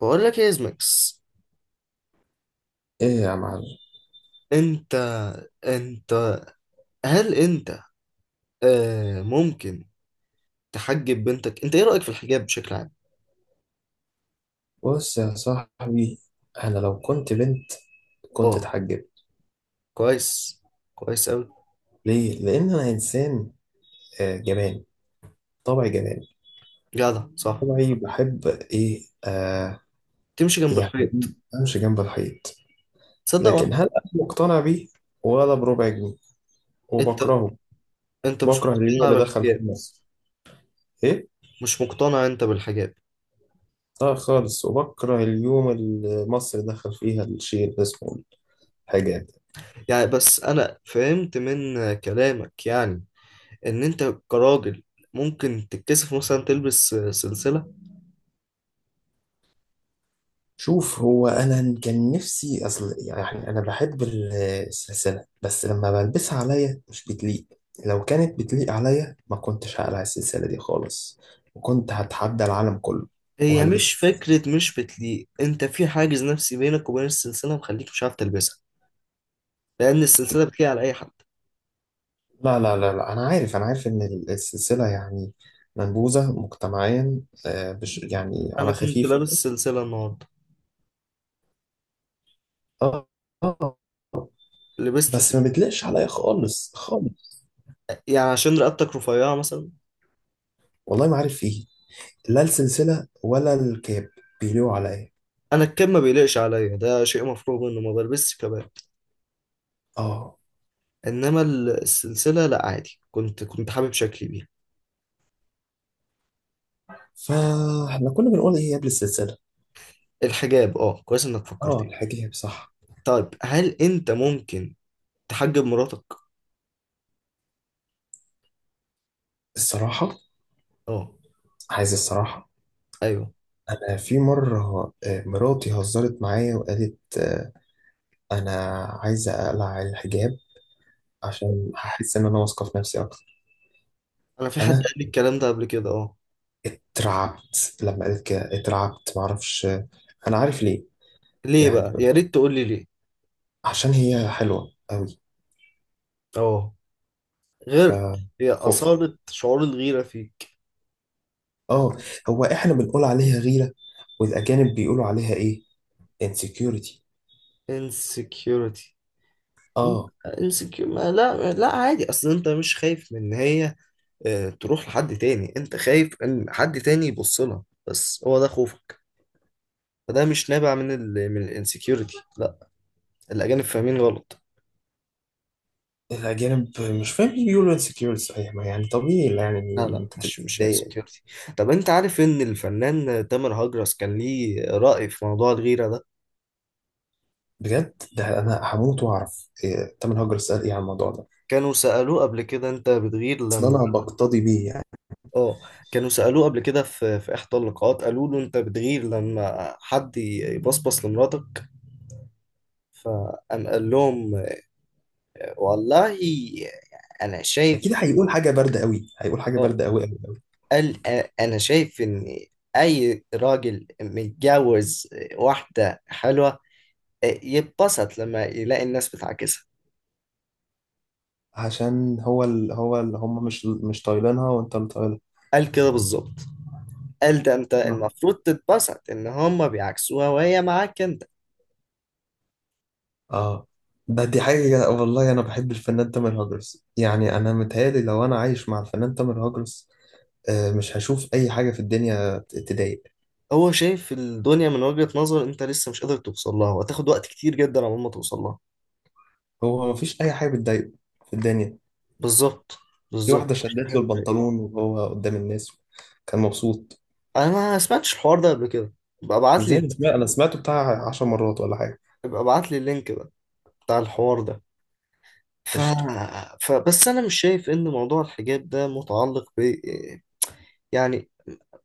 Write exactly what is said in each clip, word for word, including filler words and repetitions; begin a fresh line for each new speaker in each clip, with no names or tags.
بقول لك ايه، ازمكس؟
ايه يا معلم؟
انت انت هل انت آه ممكن تحجب بنتك؟ انت، ايه رأيك في الحجاب بشكل عام؟
بص يا صاحبي، انا لو كنت بنت كنت
اه،
اتحجبت.
كويس. كويس قوي.
ليه؟ لان انا انسان آه، جبان، طبعي جبان،
جدع، صح؟
طبعي بحب ايه آه
تمشي جنب
يعني،
الحيط.
امشي جنب الحيط.
تصدق
لكن
وانا.
هل انا مقتنع بيه؟ ولا بربع جنيه،
انت
وبكرهه،
انت مش
بكره اليوم
مقتنع
اللي دخل فيه
بالحجاب؟
مصر. ايه؟
مش مقتنع انت بالحجاب؟
لا خالص، وبكره اليوم اللي مصر دخل فيها الشيء اللي اسمه الحجاب.
يعني، بس انا فهمت من كلامك، يعني ان انت كراجل ممكن تتكسف مثلا تلبس سلسلة؟
شوف، هو انا كان نفسي، اصل يعني انا بحب ال- السلسله، بس لما بلبسها عليا مش بتليق. لو كانت بتليق عليا ما كنتش هقلع السلسله دي خالص، وكنت هتحدى العالم كله
هي مش
وهلبس.
فكرة مش بتليق، انت في حاجز نفسي بينك وبين السلسلة مخليك مش عارف تلبسها، لأن السلسلة بتليق على أي حد.
لا لا لا لا، انا عارف، انا عارف ان ال- السلسله يعني منبوذه مجتمعيا. آه، بش- يعني
أنا
على
كنت
خفيف.
لابس سلسلة النهاردة.
اه، آه،
لبست س...
بس ما بتليقش عليا خالص خالص.
يعني عشان رقبتك رفيعة مثلا؟
والله ما عارف فيه، لا السلسله ولا الكاب بيليقوا عليا.
أنا الكم ما بيليقش عليا، ده شيء مفروغ منه، ما بلبسش كبات.
اه.
إنما ال- السلسلة لأ، عادي، كنت كنت حابب شكلي بيها.
فاحنا كنا بنقول ايه قبل السلسلة؟
الحجاب، اه، كويس إنك
اه،
فكرتني.
الحاجة هي بصح.
طيب، هل أنت ممكن تحجب مراتك؟
الصراحة؟
اه.
عايز الصراحة؟
أيوه.
انا في مرة، آه، مراتي هزرت معايا وقالت، آه، انا عايزة اقلع الحجاب، عشان هحس ان انا واثقة في نفسي اكتر.
أنا في حد
انا
قال لي الكلام ده قبل كده، اه.
اترعبت لما قالت كده، اترعبت، معرفش، آه، انا عارف ليه.
ليه
يعني
بقى؟ يا ريت تقول لي ليه.
عشان هي حلوة قوي،
اه. غيرك؟ هي
فخفت.
أصالة شعور الغيرة فيك؟
اه، هو احنا بنقول عليها غيرة، والاجانب بيقولوا عليها ايه؟ insecurity.
Insecurity. م-
اه.
Insecure؟ ما لا، لا، عادي، اصل انت مش خايف من ان هي آه، تروح لحد تاني، انت خايف ان حد تاني يبص لها، بس هو ده خوفك. فده مش نابع من ال من الانسكيورتي. لا. الاجانب فاهمين غلط.
الأجانب مش فاهم، ايه يقولوا انسكيور؟ صحيح، ما يعني طبيعي
لا،
يعني.
لا،
أنت
مش مش
تتضايق.
انسكيورتي. طب انت عارف ان الفنان تامر هجرس كان ليه رأي في موضوع الغيرة ده؟
بجد، ده أنا هموت وأعرف إيه تامر هجر سأل إيه عن الموضوع ده.
كانوا سألوه قبل كده، انت بتغير
أصل
لما...
أنا بقتضي بيه يعني.
اه. كانوا سألوه قبل كده في في إحدى اللقاءات، قالوا له: أنت بتغير لما حد يبصبص لمراتك؟ فقام قال لهم آه، والله أنا شايف.
أكيد هيقول حاجة باردة قوي، هيقول حاجة
اه.
باردة قوي قوي قوي.
قال آه، أنا شايف إن أي راجل متجوز آه، واحدة حلوة آه، يتبسط لما يلاقي الناس بتعاكسها.
عشان هو ال... هو اللي هم مش مش طايلينها، وأنت اللي طايلها.
قال كده بالظبط. قال ده أنت المفروض تتبسط إن هما بيعكسوها وهي معاك أنت.
آه. ده دي حاجة، والله أنا بحب الفنان تامر هجرس يعني. أنا متهيألي لو أنا عايش مع الفنان تامر هجرس، آه، مش هشوف أي حاجة في الدنيا ت- تضايق.
هو شايف الدنيا من وجهة نظر انت لسه مش قادر توصل لها، وهتاخد وقت كتير جدا على ما توصل لها.
هو مفيش أي حاجة بتضايقه في الدنيا.
بالظبط.
في
بالظبط،
واحدة
مش دي
شدت
حاجة
له
بتضايق.
البنطلون وهو قدام الناس، كان مبسوط.
انا ما سمعتش الحوار ده قبل كده. ابقى ابعت لي.
ازاي؟ انا سمعت، انا سمعته بتاع عشر مرات ولا حاجة.
ابقى ابعت لي اللينك بقى بتاع الحوار ده. ف...
قشطة.
فبس انا مش شايف ان موضوع الحجاب ده متعلق ب، يعني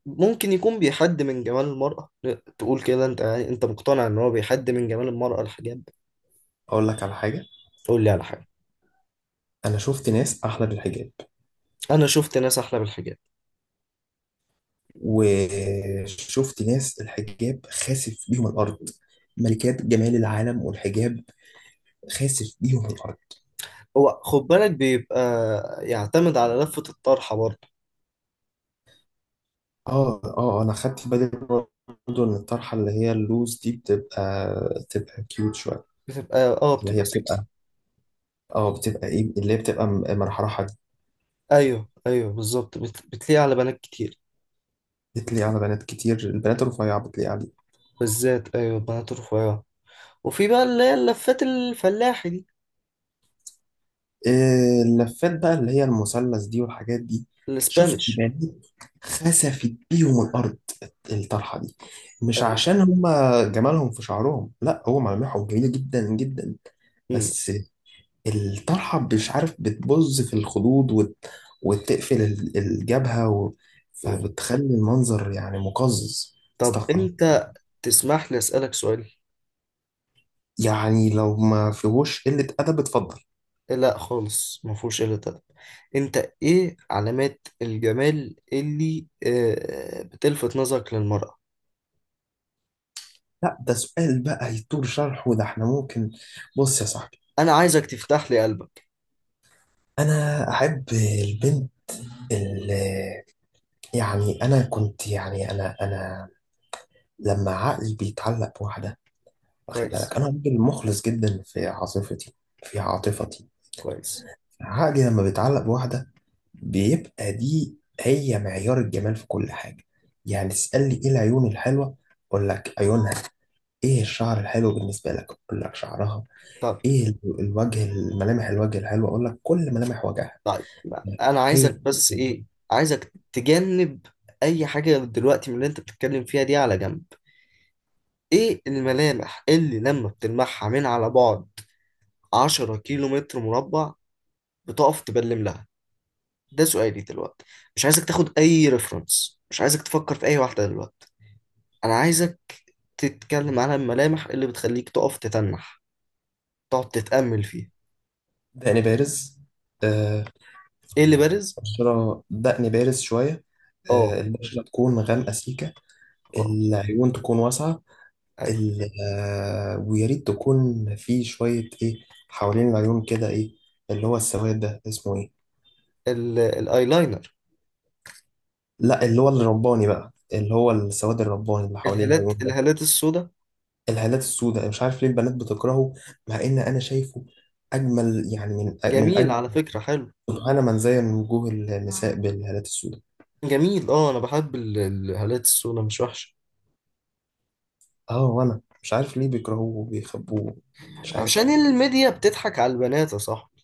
ممكن يكون بيحد من جمال المرأة. تقول كده انت؟ يعني انت مقتنع ان هو بيحد من جمال المرأة، الحجاب؟
اقول لك على حاجة:
تقول لي على حاجة.
انا شفت ناس احلى بالحجاب،
انا شفت ناس احلى بالحجاب.
وشفت ناس الحجاب خاسف بيهم الارض. ملكات جمال العالم والحجاب خاسف بيهم الارض.
هو خد بالك، بيبقى يعتمد على لفة الطرحة برضه.
اه اه، انا خدت بالي برضه ان الطرحة اللي هي اللوز دي بتبقى، بتبقى كيوت شوية.
بتبقى اه
اللي هي
بتبقى سكسي.
بتبقى، اه بتبقى ايه، اللي هي بتبقى م- مرحرحة دي.
ايوه، ايوه، بالظبط، بت... بتليق على بنات كتير.
بتليق على بنات كتير، البنات الرفيعة بتليق عليها.
بالذات، ايوه، بنات رفيعة. وفي بقى اللي هي اللفات الفلاحي دي،
آه، اللفات بقى اللي هي المثلث دي والحاجات دي. شفت
الاسبانيش.
بنات خسفت بيهم الأرض الطرحة دي. مش
ايوه.
عشان هما جمالهم في شعرهم، لا، هو ملامحهم جميلة جدا جدا.
مم.
بس الطرحة مش عارف بتبظ في الخدود وت... وتقفل ال- الجبهة و...
مم.
فبتخلي المنظر يعني مقزز.
طب
استغفر الله.
انت تسمح لي اسألك سؤال؟
يعني لو ما فيهوش قلة أدب اتفضل.
لا خالص، ما فيهوش الا ده. انت ايه علامات الجمال اللي آه، بتلفت نظرك للمرأة؟
لا، ده سؤال بقى يطول شرحه، ده احنا ممكن. بص يا صاحبي،
انا عايزك تفتح لي قلبك.
انا احب البنت اللي يعني، انا كنت يعني انا انا لما عقلي بيتعلق بواحده، واخد
كويس.
بالك انا راجل مخلص جدا في عاطفتي، في عاطفتي،
كويس.
عقلي لما بيتعلق بواحده بيبقى دي هي معيار الجمال في كل حاجه. يعني تسالني ايه العيون الحلوه، اقول لك عيونها. ايه الشعر الحلو بالنسبه لك، اقول لك شعرها.
طب.
ايه ال- الوجه، الملامح الوجه الحلوه، اقول لك كل ملامح وجهها
طيب، ما انا
هي.
عايزك بس ايه، عايزك تجنب اي حاجه دلوقتي من اللي انت بتتكلم فيها دي على جنب. ايه الملامح اللي لما بتلمحها من على بعد عشرة كيلو متر مربع بتقف تبلم لها؟ ده سؤالي دلوقتي. مش عايزك تاخد اي ريفرنس، مش عايزك تفكر في اي واحده دلوقتي. انا عايزك تتكلم على الملامح اللي بتخليك تقف تتنح، تقعد تتأمل فيها.
دقن بارز. آه،
ايه اللي بارز؟
بشرة، دقن بارز شوية.
اه.
آه، البشرة تكون غامقة سيكة.
اه.
العيون تكون واسعة.
ايوه.
ال- آه، ويا ريت تكون في شوية إيه حوالين العيون كده، إيه اللي هو السواد ده اسمه إيه؟
ال- الايلاينر؟
لا، اللي هو الرباني بقى، اللي هو السواد الرباني اللي حوالين
الهالات
العيون ده.
الهالات السوداء.
الهالات السوداء مش عارف ليه البنات بتكرهه، مع إن أنا شايفه أجمل، يعني من من
جميل
أجمل.
على فكرة، حلو.
سبحان من زين وجوه النساء بالهالات السوداء.
جميل، اه، انا بحب ال- الهالات السودا، مش وحشة.
اه، وانا مش عارف ليه بيكرهوه وبيخبوه، مش عارف.
عشان الميديا بتضحك على البنات يا صاحبي.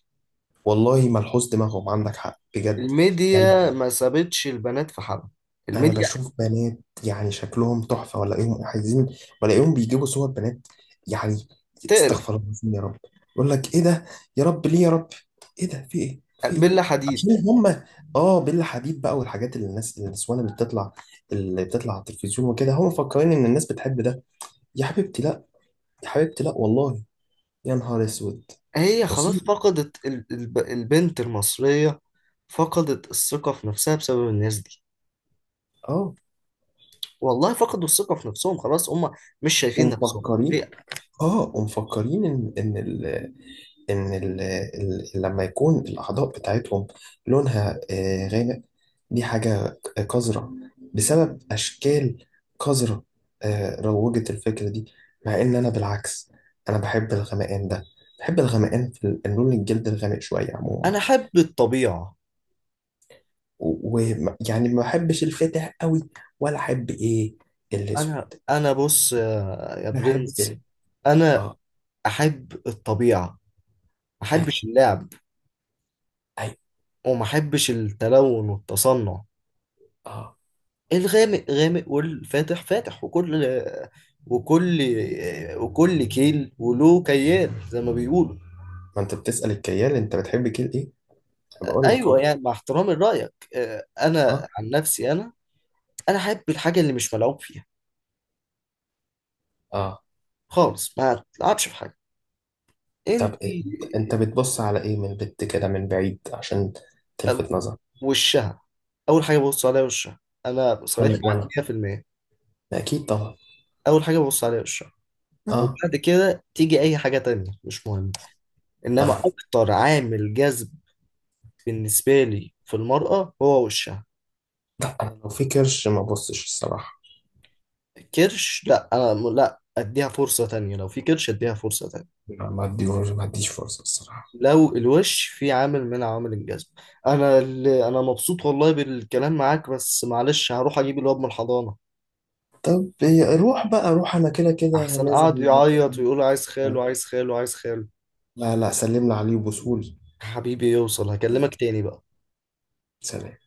والله ملحوظ دماغهم، عندك حق بجد. يعني
الميديا ما سابتش البنات في حالها.
انا
الميديا.
بشوف بنات يعني شكلهم تحفه، ولاقيهم عايزين، ولاقيهم بيجيبوا صور بنات يعني.
تقرح.
استغفر الله العظيم يا رب. يقول لك ايه ده، يا رب ليه، يا رب ايه ده، في ايه، في ايه.
بلا
عشان
حديد.
هم، اه بيلا حديد بقى، والحاجات اللي الناس النسوان اللي بتطلع، اللي بتطلع على التلفزيون وكده، هم مفكرين ان الناس بتحب ده. يا حبيبتي لا، يا حبيبتي لا والله. يا نهار اسود،
هي خلاص
مصيبه.
فقدت، ال- الب- البنت المصرية فقدت الثقة في نفسها بسبب الناس دي.
اه،
والله فقدوا الثقة في نفسهم خلاص هم، مش شايفين نفسهم.
ومفكرين،
هي-
اه ومفكرين ان ان ال ان ال ال لما يكون الاعضاء بتاعتهم لونها آه، غامق، دي حاجه قذره، بسبب اشكال قذره آه، روجت الفكره دي. مع ان انا بالعكس، انا بحب الغمقان ده، بحب الغمقان في ال- لون الجلد الغامق شويه عموما.
انا احب الطبيعة.
ويعني ما بحبش الفاتح قوي، ولا احب ايه، الاسود.
انا انا بص يا، يا
بحب
برنس،
ال...
انا
اه.
احب الطبيعة، ما
ايوه
احبش اللعب،
ايوه.
وما احبش التلون والتصنع.
اه.
الغامق غامق والفاتح فاتح، وكل وكل وكل كيل وله كيال زي ما بيقولوا.
ما انت بتسأل الكيال، انت بتحب كيل ايه؟ انا بقول لك اهو.
ايوه، يعني مع احترامي لرايك، آه، انا
اه.
عن نفسي، انا انا احب الحاجه اللي مش ملعوب فيها
اه.
خالص، ما تلعبش في حاجه.
طب
انت
إيه؟ انت بتبص على ايه من البت كده من بعيد عشان
آه،
تلفت نظر؟
وشها. اول حاجه ببص عليها وشها. انا صريح
انا
معاك
وانا،
مية في المية.
ما اكيد طبعا.
اول حاجه ببص عليها وشها،
اه.
وبعد كده تيجي اي حاجه تانية مش مهم. انما
اه.
اكتر عامل جذب بالنسبه لي في المرأة هو وشها.
انا لو في كرش ما ببصش الصراحة.
كرش؟ لا، انا م- لا، اديها فرصة تانية. لو في كرش اديها فرصة تانية،
ما ما اديهوش ما اديش فرصة الصراحة.
لو الوش في عامل من عوامل الجذب. انا، اللي انا مبسوط والله بالكلام معاك، بس معلش هروح اجيب الواد من الحضانة،
طب إيه، روح بقى روح، انا كده كده
احسن قعد
نازل
يعيط ويقول عايز خاله،
شوية.
عايز خاله، عايز خاله.
لا لا، سلم لي عليه وبوسهولي.
حبيبي يوصل، هكلمك تاني بقى.
سلام.